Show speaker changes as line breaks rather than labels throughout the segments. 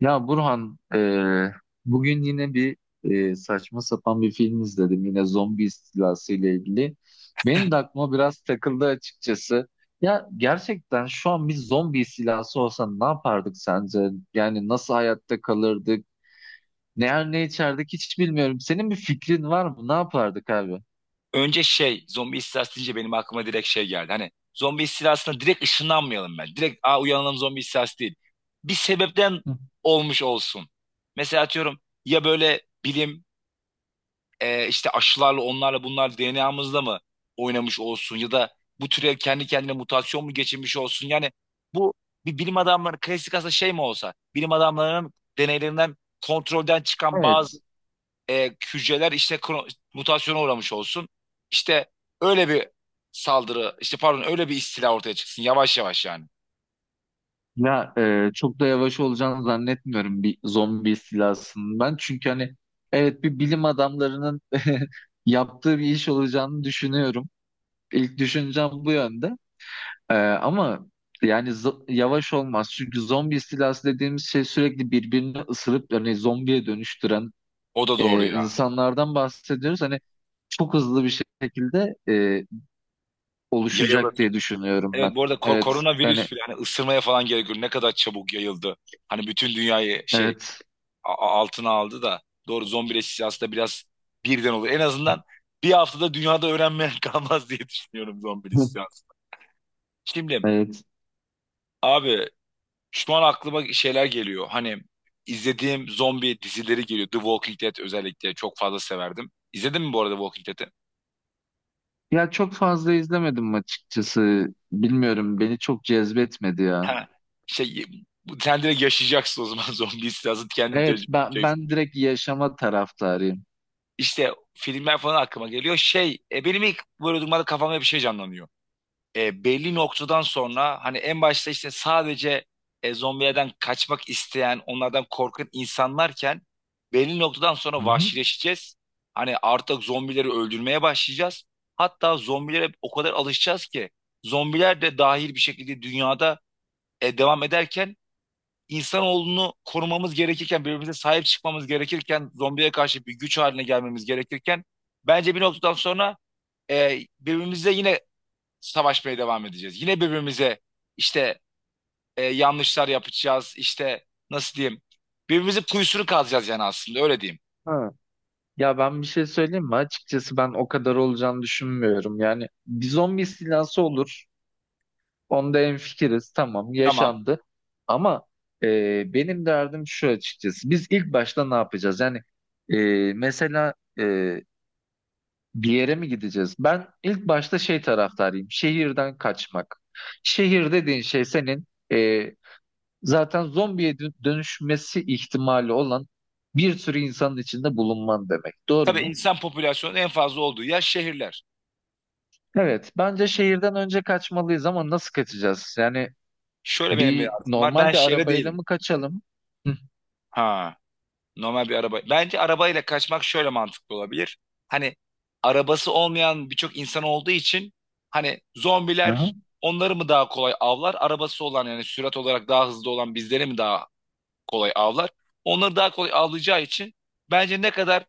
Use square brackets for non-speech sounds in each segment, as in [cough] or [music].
Ya Burhan, bugün yine bir saçma sapan bir film izledim. Yine zombi istilası ile ilgili. Benim de aklıma biraz takıldı açıkçası. Ya gerçekten şu an bir zombi istilası olsa ne yapardık sence? Yani nasıl hayatta kalırdık? Ne yer ne içerdik hiç bilmiyorum. Senin bir fikrin var mı? Ne yapardık abi?
Önce zombi istilası deyince benim aklıma direkt geldi. Hani zombi istilasına direkt ışınlanmayalım ben. Direkt uyanalım, zombi istilası değil. Bir sebepten
Hı.
olmuş olsun. Mesela atıyorum ya, böyle bilim işte aşılarla onlarla bunlar DNA'mızla mı oynamış olsun, ya da bu türe kendi kendine mutasyon mu geçirmiş olsun. Yani bu bir bilim adamları klasik, aslında şey mi olsa bilim adamlarının deneylerinden kontrolden çıkan bazı
Evet.
e, hücreler işte mutasyona uğramış olsun. İşte öyle bir saldırı, işte pardon öyle bir istila ortaya çıksın yavaş yavaş yani.
Ya çok da yavaş olacağını zannetmiyorum bir zombi istilasının ben. Çünkü hani evet bir bilim adamlarının [laughs] yaptığı bir iş olacağını düşünüyorum. İlk düşüncem bu yönde. E, ama yani yavaş olmaz. Çünkü zombi istilası dediğimiz şey sürekli birbirini ısırıp yani zombiye dönüştüren
O da doğru ya.
insanlardan bahsediyoruz. Hani çok hızlı bir şekilde
Yayılır.
oluşacak diye düşünüyorum ben.
Evet bu arada
Evet yani
koronavirüs bile hani ısırmaya falan gerek yok. Ne kadar çabuk yayıldı. Hani bütün dünyayı
evet.
altına aldı da doğru, zombileşmesi aslında biraz birden olur. En azından bir haftada dünyada öğrenmeyen [laughs] kalmaz diye düşünüyorum zombi
[laughs]
istilası. Şimdi
Evet.
abi, şu an aklıma şeyler geliyor. Hani izlediğim zombi dizileri geliyor. The Walking Dead özellikle çok fazla severdim. İzledin mi bu arada Walking Dead'i?
Ya çok fazla izlemedim açıkçası. Bilmiyorum beni çok cezbetmedi ya.
Ha. Şey, sen direkt yaşayacaksın o zaman, [laughs] zombi istilası kendin
Evet
tecrübe
ben,
edeceksin.
ben direkt yaşama taraftarıyım.
İşte filmler falan aklıma geliyor. Benim ilk böyle durumlarda kafamda bir şey canlanıyor. Belli noktadan sonra hani, en başta işte sadece zombilerden kaçmak isteyen, onlardan korkan insanlarken, belli noktadan sonra
Hı hı.
vahşileşeceğiz. Hani artık zombileri öldürmeye başlayacağız. Hatta zombilere o kadar alışacağız ki, zombiler de dahil bir şekilde dünyada devam ederken, insanoğlunu korumamız gerekirken, birbirimize sahip çıkmamız gerekirken, zombiye karşı bir güç haline gelmemiz gerekirken, bence bir noktadan sonra birbirimize yine savaşmaya devam edeceğiz. Yine birbirimize işte yanlışlar yapacağız. İşte nasıl diyeyim? Birbirimizin kuyusunu kazacağız yani, aslında öyle diyeyim.
Ha. Ya ben bir şey söyleyeyim mi? Açıkçası ben o kadar olacağını düşünmüyorum. Yani bir zombi istilası olur. Onda hemfikiriz. Tamam
Tamam.
yaşandı. Ama benim derdim şu açıkçası. Biz ilk başta ne yapacağız? Yani e, mesela bir yere mi gideceğiz? Ben ilk başta şey taraftarıyım. Şehirden kaçmak. Şehir dediğin şey senin e, zaten zombiye dönüşmesi ihtimali olan bir sürü insanın içinde bulunman demek. Doğru
Tabii
mu?
insan popülasyonunun en fazla olduğu yer şehirler.
Evet. Bence şehirden önce kaçmalıyız ama nasıl kaçacağız? Yani
Şöyle, benim bir
bir
artım var. Ben
normal bir
şehre
arabayla
değilim.
mı kaçalım? Hı.
Ha, normal bir araba. Bence arabayla kaçmak şöyle mantıklı olabilir. Hani arabası olmayan birçok insan olduğu için hani zombiler
Aha.
onları mı daha kolay avlar? Arabası olan, yani sürat olarak daha hızlı olan bizleri mi daha kolay avlar. Onları daha kolay avlayacağı için bence ne kadar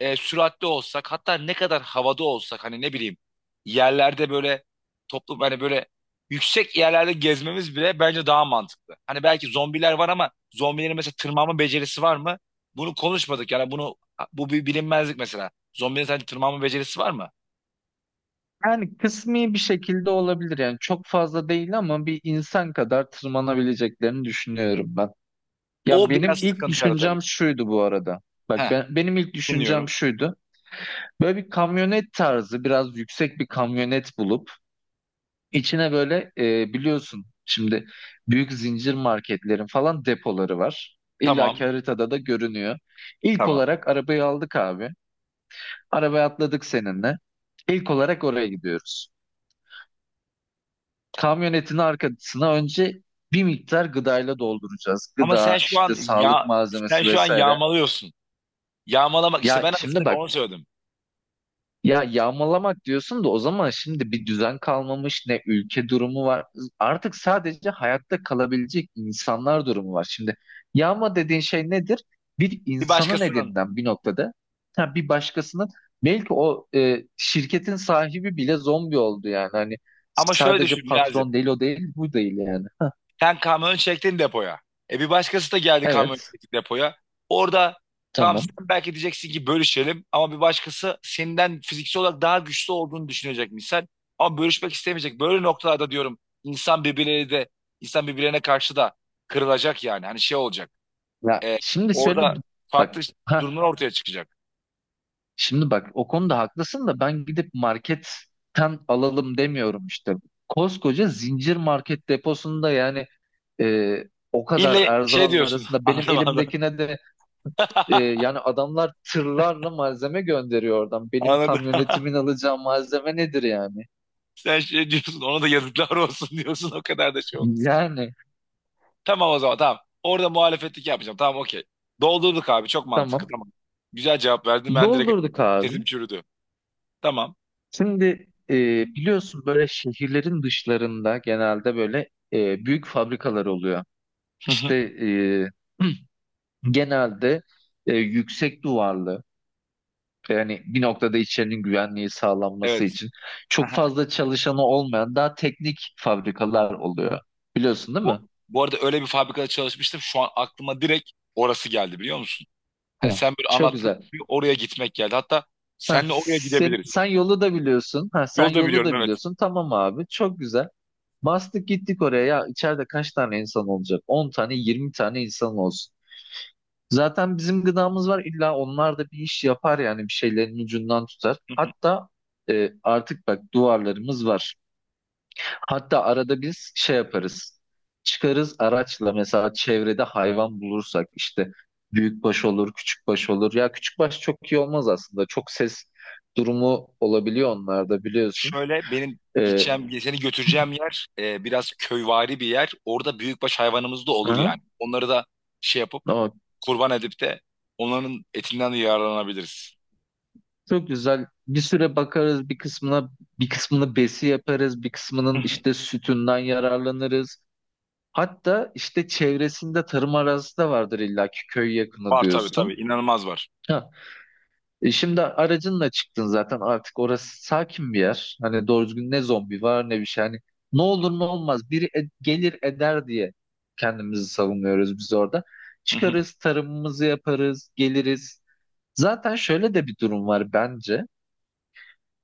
süratli olsak, hatta ne kadar havada olsak, hani ne bileyim, yerlerde böyle toplum, hani böyle yüksek yerlerde gezmemiz bile bence daha mantıklı. Hani belki zombiler var ama zombilerin mesela tırmanma becerisi var mı? Bunu konuşmadık yani, bu bir bilinmezlik mesela. Zombilerin sadece tırmanma becerisi var mı?
Yani kısmi bir şekilde olabilir. Yani çok fazla değil ama bir insan kadar tırmanabileceklerini düşünüyorum ben. Ya
O biraz
benim ilk
sıkıntı yaratabilir.
düşüncem şuydu bu arada. Bak
Heh,
ben, benim ilk düşüncem
dinliyorum.
şuydu. Böyle bir kamyonet tarzı biraz yüksek bir kamyonet bulup içine böyle biliyorsun şimdi büyük zincir marketlerin falan depoları var. İlla ki
Tamam,
haritada da görünüyor. İlk
tamam.
olarak arabayı aldık abi. Arabaya atladık seninle. İlk olarak oraya gidiyoruz. Kamyonetin arkasına önce bir miktar gıdayla dolduracağız.
Ama sen
Gıda,
şu an,
işte sağlık
ya sen
malzemesi
şu an
vesaire.
yağmalıyorsun. Yağmalamak işte,
Ya
ben
şimdi
aslında
bak,
onu söyledim.
ya yağmalamak diyorsun da o zaman şimdi bir düzen kalmamış ne ülke durumu var. Artık sadece hayatta kalabilecek insanlar durumu var. Şimdi yağma dediğin şey nedir? Bir
Bir
insanın
başkasının,
elinden bir noktada ha, bir başkasının belki o şirketin sahibi bile zombi oldu yani. Hani
ama şöyle
sadece
düşün Niyazi.
patron değil o değil bu değil yani. Ha,
Sen kamyon çektin depoya. E bir başkası da geldi, kamyon
evet
çekti depoya. Orada, tamam,
tamam.
sen belki diyeceksin ki bölüşelim, ama bir başkası senden fiziksel olarak daha güçlü olduğunu düşünecek misal. Ama bölüşmek istemeyecek. Böyle noktalarda diyorum, insan birbirlerine karşı da kırılacak yani. Hani şey olacak.
Ya
E,
şimdi şöyle
orada farklı
bak.
durumlar ortaya çıkacak.
Şimdi bak o konuda haklısın da ben gidip marketten alalım demiyorum işte. Koskoca zincir market deposunda yani e, o kadar
İlle şey
erzağın
diyorsun. [laughs]
arasında benim
Anlamadım.
elimdekine de
[laughs]
yani adamlar tırlarla malzeme gönderiyor oradan. Benim
Anladım.
kamyonetimin
[laughs]
alacağı malzeme nedir yani?
Sen şey diyorsun, ona da yazıklar olsun [laughs] diyorsun, o kadar da şey olursun.
Yani
Tamam, o zaman tamam. Orada muhalefetlik yapmayacağım. Tamam, okey. Doldurduk abi, çok mantıklı,
tamam
tamam. Güzel cevap verdin, ben direkt
doldurduk abi.
sesim çürüdü. Tamam.
Şimdi e, biliyorsun böyle şehirlerin dışlarında genelde böyle büyük fabrikalar oluyor. İşte
[laughs]
e, [clears throat] genelde yüksek duvarlı yani bir noktada içerinin güvenliği sağlanması
Evet.
için çok
Aha.
fazla çalışanı olmayan daha teknik fabrikalar oluyor. Biliyorsun değil mi?
Bu arada öyle bir fabrikada çalışmıştım. Şu an aklıma direkt orası geldi, biliyor musun? Hani
Ya.
sen böyle
Çok
anlattığın
güzel.
gibi oraya gitmek geldi. Hatta
Ha,
senle oraya
sen,
gidebiliriz.
sen yolu da biliyorsun. Ha, sen
Yolda
yolu da
biliyorum, evet.
biliyorsun. Tamam abi. Çok güzel. Bastık gittik oraya. Ya içeride kaç tane insan olacak? 10 tane, 20 tane insan olsun. Zaten bizim gıdamız var illa onlar da bir iş yapar yani bir şeylerin ucundan tutar. Hatta artık bak duvarlarımız var. Hatta arada biz şey yaparız. Çıkarız araçla mesela çevrede hayvan bulursak işte büyükbaş olur, küçükbaş olur. Ya küçükbaş çok iyi olmaz aslında. Çok ses durumu olabiliyor onlarda biliyorsun.
Şöyle, benim
E,
gideceğim, seni götüreceğim yer biraz köyvari bir yer. Orada büyükbaş hayvanımız da olur yani.
aha,
Onları da şey yapıp,
ama
kurban edip de onların etinden de yararlanabiliriz.
çok güzel. Bir süre bakarız bir kısmına, bir kısmını besi yaparız, bir
Hı
kısmının
hı.
işte sütünden yararlanırız. Hatta işte çevresinde tarım arazisi de vardır illaki köy yakını
Var tabii tabii,
diyorsun.
inanılmaz var.
Ha. E şimdi aracınla çıktın zaten artık orası sakin bir yer. Hani doğru düzgün ne zombi var ne bir şey. Hani ne olur ne olmaz biri gelir eder diye kendimizi savunuyoruz biz orada.
Hı hı.
Çıkarız tarımımızı yaparız geliriz. Zaten şöyle de bir durum var bence.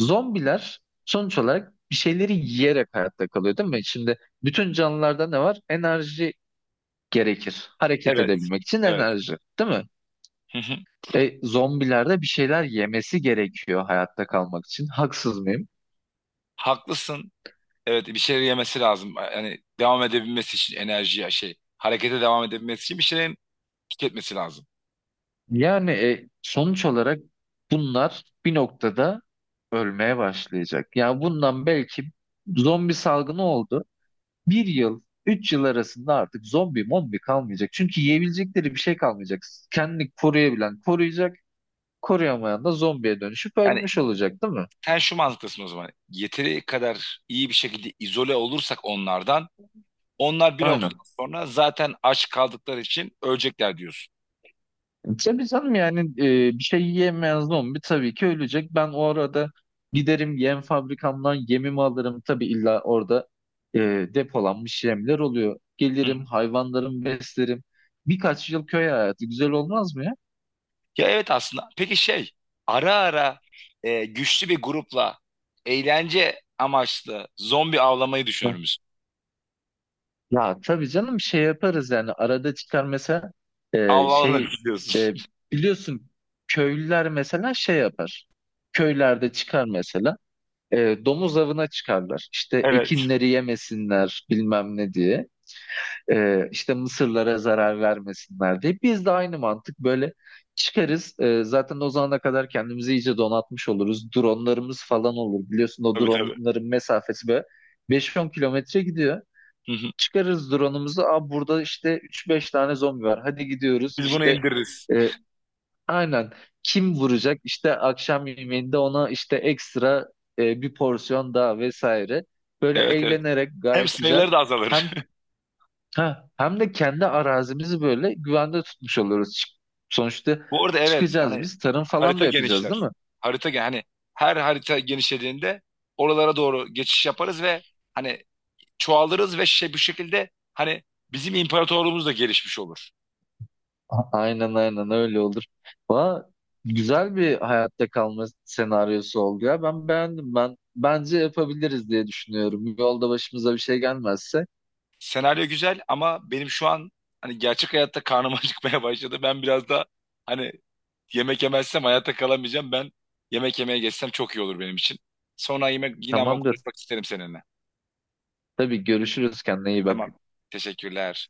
Zombiler sonuç olarak bir şeyleri yiyerek hayatta kalıyor değil mi? Şimdi bütün canlılarda ne var? Enerji gerekir. Hareket
Evet.
edebilmek için
Evet.
enerji, değil mi?
Hı hı.
Zombilerde bir şeyler yemesi gerekiyor hayatta kalmak için. Haksız mıyım?
Haklısın. Evet, bir şeyler yemesi lazım. Yani devam edebilmesi için enerjiye, şey, harekete devam edebilmesi için bir şeylerin tüketmesi lazım.
Yani sonuç olarak bunlar bir noktada ölmeye başlayacak. Yani bundan belki zombi salgını oldu. Bir yıl, 3 yıl arasında artık zombi mombi kalmayacak. Çünkü yiyebilecekleri bir şey kalmayacak. Kendini koruyabilen koruyacak, koruyamayan da zombiye dönüşüp
Yani
ölmüş olacak, değil mi?
sen şu mantıktasın o zaman. Yeteri kadar iyi bir şekilde izole olursak onlardan, onlar bir noktadan
Aynen.
sonra zaten aç kaldıkları için ölecekler diyorsun.
Tabii canım yani bir şey yiyemeyen zombi tabii ki ölecek. Ben o arada giderim yem fabrikamdan yemimi alırım. Tabii illa orada e, depolanmış yemler oluyor.
Hı hı.
Gelirim hayvanlarımı beslerim. Birkaç yıl köy hayatı güzel olmaz mı ya?
Ya evet, aslında. Peki şey, ara ara güçlü bir grupla eğlence amaçlı zombi avlamayı düşünür
Hı.
müsün?
Ya tabii canım şey yaparız yani arada çıkar mesela şey
Avlanırız
e,
diyorsun. [laughs]
biliyorsun köylüler mesela şey yapar. Köylerde çıkar mesela. Domuz avına çıkarlar. İşte
Evet.
ekinleri yemesinler bilmem ne diye. İşte mısırlara zarar vermesinler diye. Biz de aynı mantık böyle çıkarız. Zaten o zamana kadar kendimizi iyice donatmış oluruz. Dronlarımız falan olur. Biliyorsun o
Tabii tabii.
dronların mesafesi böyle 5-10 kilometre gidiyor.
Hı hı.
Çıkarız drone'umuzu. Aa, burada işte üç beş tane zombi var. Hadi gidiyoruz.
Biz bunu
İşte
indiririz.
e, aynen. Kim vuracak? İşte akşam yemeğinde ona işte ekstra bir porsiyon daha vesaire. Böyle
Evet evet.
eğlenerek
Hem
gayet güzel.
sayıları da azalır.
Hem ha, hem de kendi arazimizi böyle güvende tutmuş oluyoruz. Sonuçta
[laughs] Bu arada evet,
çıkacağız
hani
biz. Tarım falan da
harita
yapacağız değil
genişler.
mi?
Harita gen hani her harita genişlediğinde oralara doğru geçiş yaparız ve hani çoğalırız ve şey, bu şekilde hani bizim imparatorluğumuz da gelişmiş olur.
Aynen aynen öyle olur. Valla güzel bir hayatta kalma senaryosu oldu ya. Ben beğendim. Ben bence yapabiliriz diye düşünüyorum. Yolda başımıza bir şey gelmezse.
Senaryo güzel, ama benim şu an, hani gerçek hayatta karnım [laughs] acıkmaya başladı. Ben biraz da, hani, yemek yemezsem hayatta kalamayacağım. Ben yemek yemeye geçsem çok iyi olur benim için. Sonra yemek, yine ama
Tamamdır.
konuşmak isterim seninle.
Tabii görüşürüz. Kendine iyi bak.
Tamam. Teşekkürler.